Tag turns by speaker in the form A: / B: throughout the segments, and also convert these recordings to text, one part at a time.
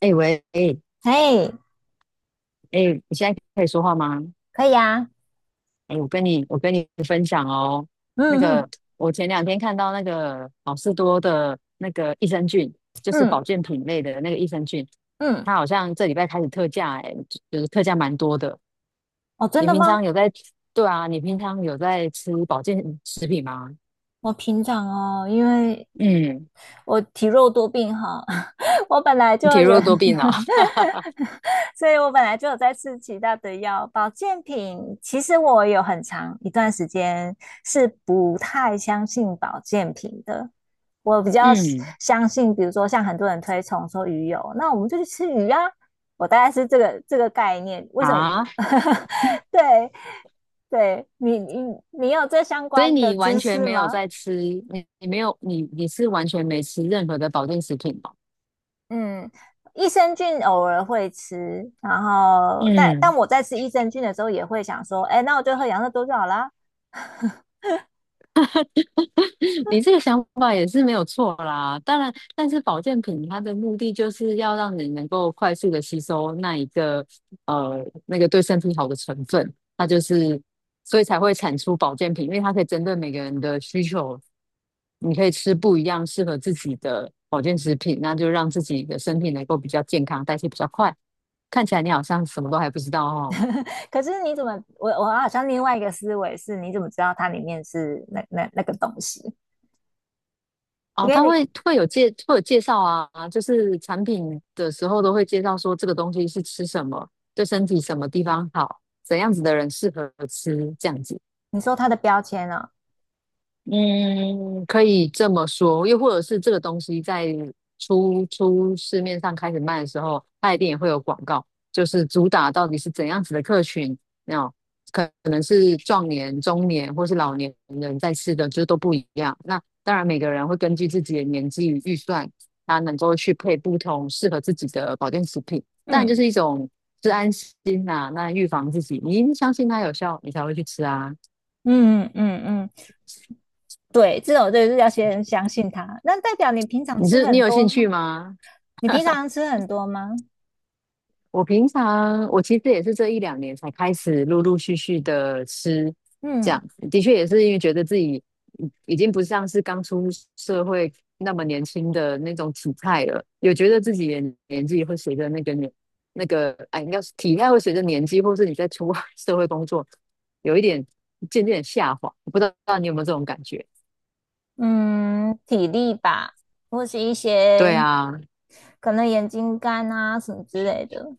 A: 哎、喂，哎、
B: 哎，
A: 哎、你现在可以说话吗？
B: 可以啊。
A: 哎、我跟你分享哦，那
B: 嗯
A: 个
B: 嗯
A: 我前两天看到那个好事多的那个益生菌，就是
B: 嗯
A: 保健品类的那个益生菌，
B: 嗯，
A: 它好像这礼拜开始特价、哎，就是特价蛮多的。
B: 哦，真
A: 你
B: 的
A: 平
B: 吗？
A: 常有在，对啊，你平常有在吃保健食品吗？
B: 我平常哦，因为
A: 嗯，
B: 我体弱多病哈，我本来就
A: 你体
B: 有
A: 弱多病了、
B: 所以我本来就有在吃其他的药，保健品。其实我有很长一段时间是不太相信保健品的，我比较
A: 嗯
B: 相信，比如说像很多人推崇说鱼油，那我们就去吃鱼啊，我大概是这个概念。为什么？
A: 啊，
B: 对，对你，你有这相
A: 所以
B: 关的
A: 你完
B: 知
A: 全
B: 识
A: 没有
B: 吗？
A: 在吃，你是完全没吃任何的保健食品哦。
B: 嗯，益生菌偶尔会吃，然后但
A: 嗯，
B: 我在吃益生菌的时候也会想说，哎，那我就喝养乐多就好啦。
A: 你这个想法也是没有错啦。当然，但是保健品它的目的就是要让你能够快速的吸收那一个那个对身体好的成分，它就是所以才会产出保健品，因为它可以针对每个人的需求，你可以吃不一样适合自己的保健食品，那就让自己的身体能够比较健康，代谢比较快。看起来你好像什么都还不知道哦。
B: 可是你怎么，我好像另外一个思维是，你怎么知道它里面是那个东西？因
A: 哦，
B: 为
A: 他
B: 你
A: 会会有介会有介绍啊，就是产品的时候都会介绍说这个东西是吃什么，对身体什么地方好，怎样子的人适合吃这样子。
B: 你说它的标签啊。
A: 嗯，可以这么说，又或者是这个东西在市面上开始卖的时候，它一定也会有广告，就是主打到底是怎样子的客群，那可能是壮年、中年或是老年人在吃的，就是都不一样。那当然，每个人会根据自己的年纪与预算，他能够去配不同适合自己的保健食品，但就
B: 嗯
A: 是一种是安心呐、那预防自己，你一定相信它有效，你才会去吃啊。
B: 嗯嗯嗯，对，这种就是要先相信它。那代表你平常
A: 你
B: 吃
A: 是你
B: 很
A: 有
B: 多
A: 兴趣
B: 吗？
A: 吗？
B: 你平常吃很多吗？
A: 我平常我其实也是这一两年才开始陆陆续续的吃，这
B: 嗯。
A: 样的确也是因为觉得自己已经不像是刚出社会那么年轻的那种体态了，有觉得自己的年纪会随着那个年应该是体态会随着年纪，或是你在出 社会工作，有一点渐渐地下滑，我不知道你有没有这种感觉？
B: 嗯，体力吧，或是一
A: 对
B: 些
A: 啊，
B: 可能眼睛干啊什么之类的。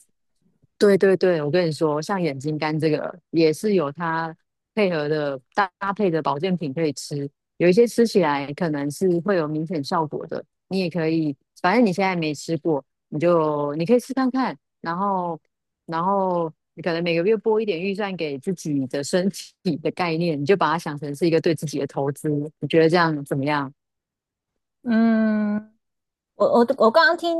A: 对对对，我跟你说，像眼睛干这个也是有它配合的搭配的保健品可以吃，有一些吃起来可能是会有明显效果的，你也可以，反正你现在没吃过，你可以试看看，然后你可能每个月拨一点预算给自己的身体的概念，你就把它想成是一个对自己的投资，你觉得这样怎么样？
B: 嗯，我刚刚听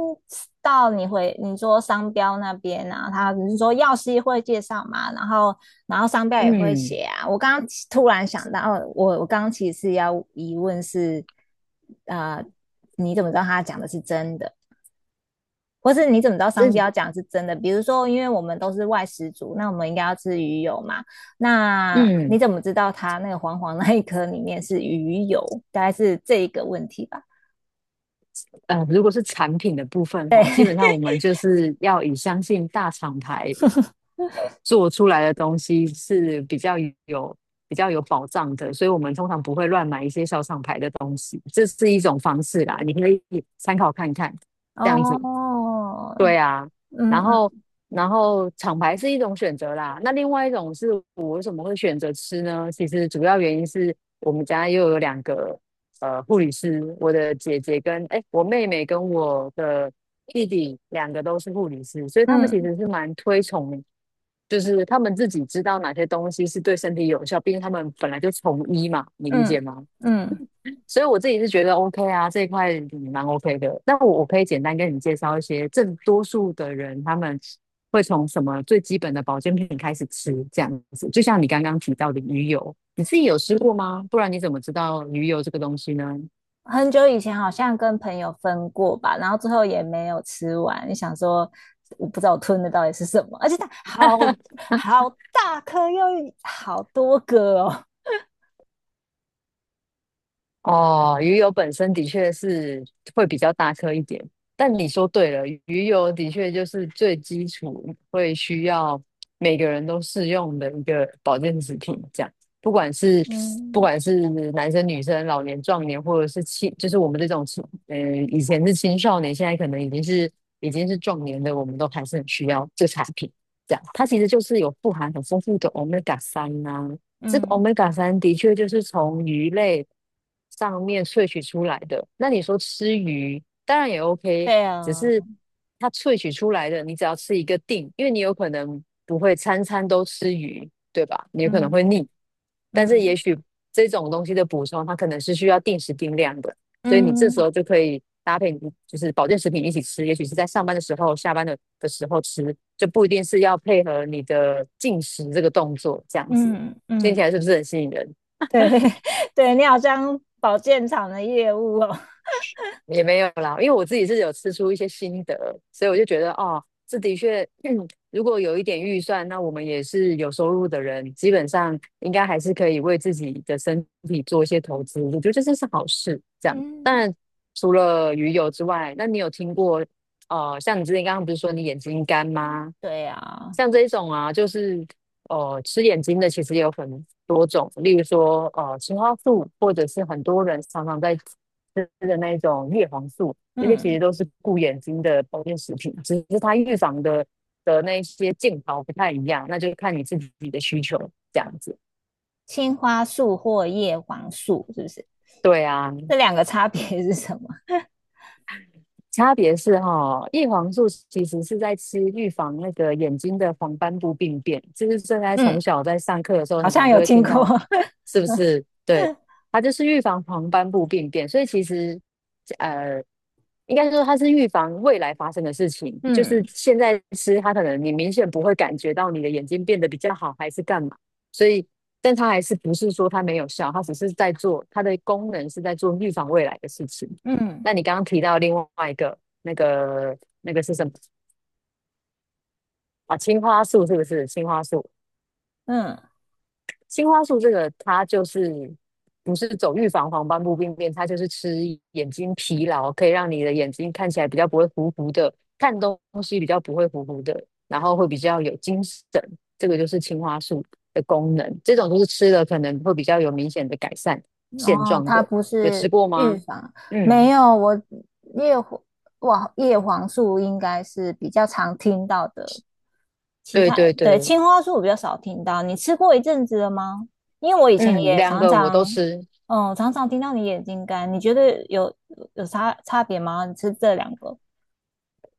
B: 到你回你说商标那边啊，他只是说药师会介绍嘛，然后然后商标也会
A: 嗯，
B: 写啊。我刚刚其突然想到，哦我刚刚其实要疑问是，呃，你怎么知道他讲的是真的？或是你怎么知道商
A: 这
B: 标讲是真的？比如说，因为我们都是外食族，那我们应该要吃鱼油嘛？那
A: 嗯
B: 你怎么知道它那个黄黄那一颗里面是鱼油？大概是这一个问题吧。
A: 如果是产品的部分哈，基本上我们就是要以相信大厂牌做出来的东西是比较有比较有保障的，所以我们通常不会乱买一些小厂牌的东西，这是一种方式啦，你可以参考看看，这样子。
B: 哦。
A: 对啊，
B: 嗯
A: 然后
B: 嗯
A: 厂牌是一种选择啦，那另外一种是我为什么会选择吃呢？其实主要原因是我们家又有两个护理师，我的姐姐跟哎我妹妹跟我的弟弟两个都是护理师，所以他们其
B: 嗯
A: 实是蛮推崇，就是他们自己知道哪些东西是对身体有效，毕竟他们本来就从医嘛，你理解
B: 嗯
A: 吗？
B: 嗯，
A: 所以我自己是觉得 OK 啊，这一块蛮 OK 的。那我我可以简单跟你介绍一些，正多数的人他们会从什么最基本的保健品开始吃，这样子。就像你刚刚提到的鱼油，你自己有吃过吗？不然你怎么知道鱼油这个东西呢？
B: 很久以前好像跟朋友分过吧，然后最后也没有吃完，你想说我不知道我吞的到底是什么，而且它好大颗又好多个哦。
A: 哦，鱼油本身的确是会比较大颗一点，但你说对了，鱼油的确就是最基础会需要每个人都适用的一个保健食品，这样，不管是
B: 嗯
A: 男生、女生、老年、壮年，或者是青，就是我们这种青，呃，以前是青少年，现在可能已经是壮年的，我们都还是很需要这产品，这样，它其实就是有富含很丰富的欧米伽 g 三啊。这个
B: 嗯。
A: omega 三的确就是从鱼类上面萃取出来的。那你说吃鱼，当然也 OK，
B: 对
A: 只
B: 啊。
A: 是它萃取出来的，你只要吃一个定，因为你有可能不会餐餐都吃鱼，对吧？你有可能
B: 嗯
A: 会腻。但是也
B: 嗯
A: 许这种东西的补充，它可能是需要定时定量的，所以你这时
B: 嗯
A: 候就可以搭配你就是保健食品一起吃，也许是在上班的时候、下班的时候吃，就不一定是要配合你的进食这个动作这样子。
B: 嗯
A: 听起
B: 嗯，
A: 来是不是很吸引人？
B: 对 对你好像保健厂的业务哦。
A: 也没有啦，因为我自己是有吃出一些心得，所以我就觉得哦，这的确，如果有一点预算，那我们也是有收入的人，基本上应该还是可以为自己的身体做一些投资。我觉得这真是好事。这样，
B: 嗯
A: 当然除了鱼油之外，那你有听过像你之前刚刚不是说你眼睛干吗？
B: 对啊。
A: 像这一种啊，就是吃眼睛的，其实也有很多种，例如说青花素，或者是很多人常常在吃的那一种叶黄素，这些其
B: 嗯，
A: 实都是顾眼睛的保健食品，只是它预防的那一些镜头不太一样，那就看你自己的需求这样子。
B: 青花素或叶黄素是不是？
A: 对啊，
B: 这两个差别是什么？
A: 差别是哈、叶黄素其实是在吃预防那个眼睛的黄斑部病变，就是正在从
B: 嗯
A: 小在上课的时候，
B: 好
A: 很
B: 像
A: 常就
B: 有
A: 会
B: 听
A: 听
B: 过。
A: 到，是不是？对，它就是预防黄斑部病变，所以其实，呃，应该说它是预防未来发生的事情，就是
B: 嗯
A: 现在吃它可能你明显不会感觉到你的眼睛变得比较好还是干嘛，所以但它还是不是说它没有效，它只是在做它的功能是在做预防未来的事情。
B: 嗯，
A: 那你刚刚提到另外一个那个是什么啊？青花素是不是？青花素
B: 嗯。
A: 这个它就是不是走预防黄斑部病变，它就是吃眼睛疲劳，可以让你的眼睛看起来比较不会糊糊的，看东西比较不会糊糊的，然后会比较有精神。这个就是青花素的功能，这种就是吃了可能会比较有明显的改善现
B: 哦，
A: 状
B: 它
A: 的。
B: 不
A: 有吃
B: 是
A: 过
B: 预
A: 吗？
B: 防。没
A: 嗯，
B: 有，我叶黄哇，叶黄素应该是比较常听到的，其
A: 对
B: 他
A: 对
B: 对
A: 对，
B: 青花素我比较少听到。你吃过一阵子了吗？因为我以前
A: 嗯，
B: 也
A: 两
B: 常
A: 个我都
B: 常，
A: 吃。
B: 嗯，常常听到你眼睛干，你觉得有有差别吗？你吃这两个，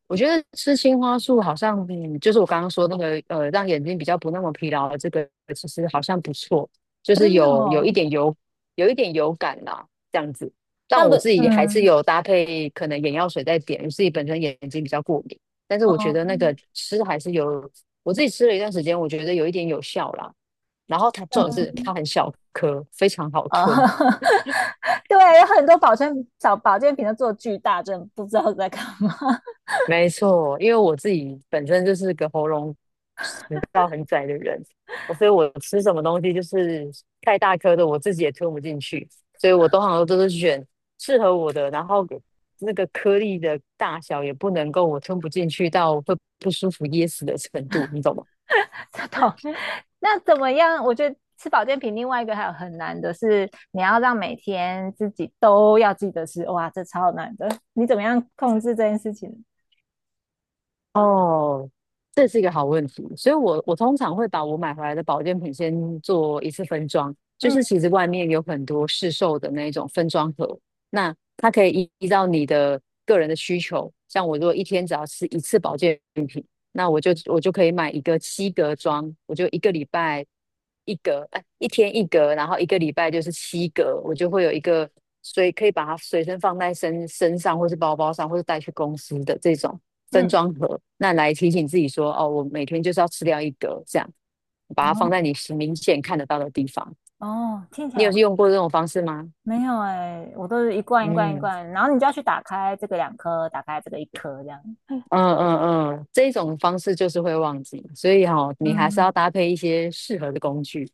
A: 我觉得吃青花素好像，嗯，就是我刚刚说那个，让眼睛比较不那么疲劳的这个，其实好像不错，就是
B: 真的
A: 有
B: 哦？
A: 一点油，有一点油感啦，这样子。但
B: 那不，
A: 我自己还是
B: 嗯，
A: 有搭配可能眼药水在点，我自己本身眼睛比较过敏，但是我觉
B: 哦。
A: 得那个吃还是有，我自己吃了一段时间，我觉得有一点有效啦。然后它重点是它很小颗，非常好
B: 哦，
A: 吞，
B: 对，有很多保健保健品都做巨大，真的不知道在干嘛。
A: 没错，因为我自己本身就是个喉咙食道很窄的人，所以我吃什么东西就是太大颗的，我自己也吞不进去，所以通常都是选适合我的，然后那个颗粒的大小也不能够我吞不进去到会不舒服噎死的程度，你懂吗？
B: 这种。那怎么样？我觉得吃保健品另外一个还有很难的是，你要让每天自己都要记得吃，哇，这超难的。你怎么样控制这件事情？
A: 哦，这是一个好问题，所以我通常会把我买回来的保健品先做一次分装，就
B: 嗯
A: 是其实外面有很多市售的那种分装盒，那它可以依照你的个人的需求，像我如果一天只要吃一次保健品，那我就可以买一个七格装，我就一个礼拜。一格，哎，一天一格，然后一个礼拜就是七格，我就会有一个可以把它随身放在身上，或是包包上，或是带去公司的这种分
B: 嗯，
A: 装盒，那来提醒自己说，哦，我每天就是要吃掉一格，这样把
B: 然
A: 它放
B: 后
A: 在你明显看得到的地方。
B: 哦，听起
A: 你有
B: 来
A: 用过这种方式吗？
B: 没有哎、我都是一罐一罐一
A: 嗯
B: 罐，然后你就要去打开这个两颗，打开这个一颗这样。
A: 嗯嗯嗯，这种方式就是会忘记，所以哈、你还是要
B: 嗯
A: 搭配一些适合的工具。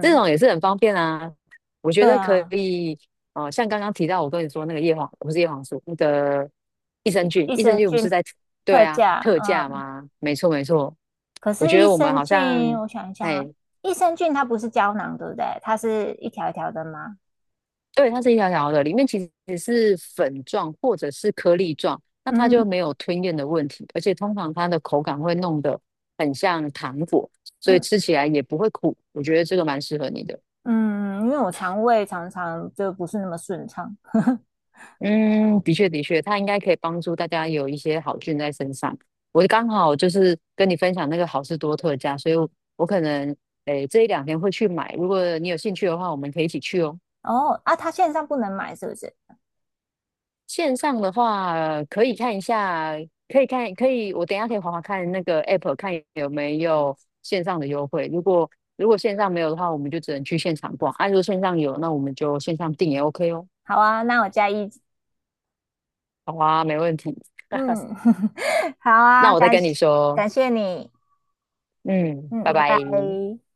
A: 这种也是很方便啊。我觉
B: 对
A: 得可
B: 啊，
A: 以，哦、像刚刚提到我跟你说那个叶黄，不是叶黄素，那个益生菌，
B: 益
A: 益生
B: 生
A: 菌不是
B: 菌
A: 在对
B: 特
A: 啊
B: 价，
A: 特价
B: 嗯，
A: 吗？没错没错，
B: 可
A: 我
B: 是
A: 觉
B: 益
A: 得我们
B: 生
A: 好
B: 菌，
A: 像，
B: 我想一下啊，
A: 哎，
B: 益生菌它不是胶囊，对不对？它是一条一条的吗？
A: 对，它是一条条的，里面其实是粉状或者是颗粒状，那它
B: 嗯
A: 就没有吞咽的问题，而且通常它的口感会弄得很像糖果，所以
B: 嗯
A: 吃起来也不会苦。我觉得这个蛮适合你的。
B: 嗯，因为我肠胃常常就不是那么顺畅。
A: 嗯，的确的确，它应该可以帮助大家有一些好菌在身上。我刚好就是跟你分享那个好事多特价，所以我，我可能诶这一两天会去买。如果你有兴趣的话，我们可以一起去哦。
B: 哦啊，他线上不能买是不是？
A: 线上的话，可以看一下，可以看，可以，我等一下可以划看那个 app，看有没有线上的优惠。如果线上没有的话，我们就只能去现场逛。啊，如果线上有，那我们就线上订也 OK 哦。
B: 好啊，那我加一。
A: 好啊，没问题。
B: 嗯，好
A: 那
B: 啊，
A: 我再
B: 感
A: 跟你说哦。
B: 感谢你。
A: 嗯，
B: 嗯，
A: 拜
B: 拜
A: 拜。
B: 拜。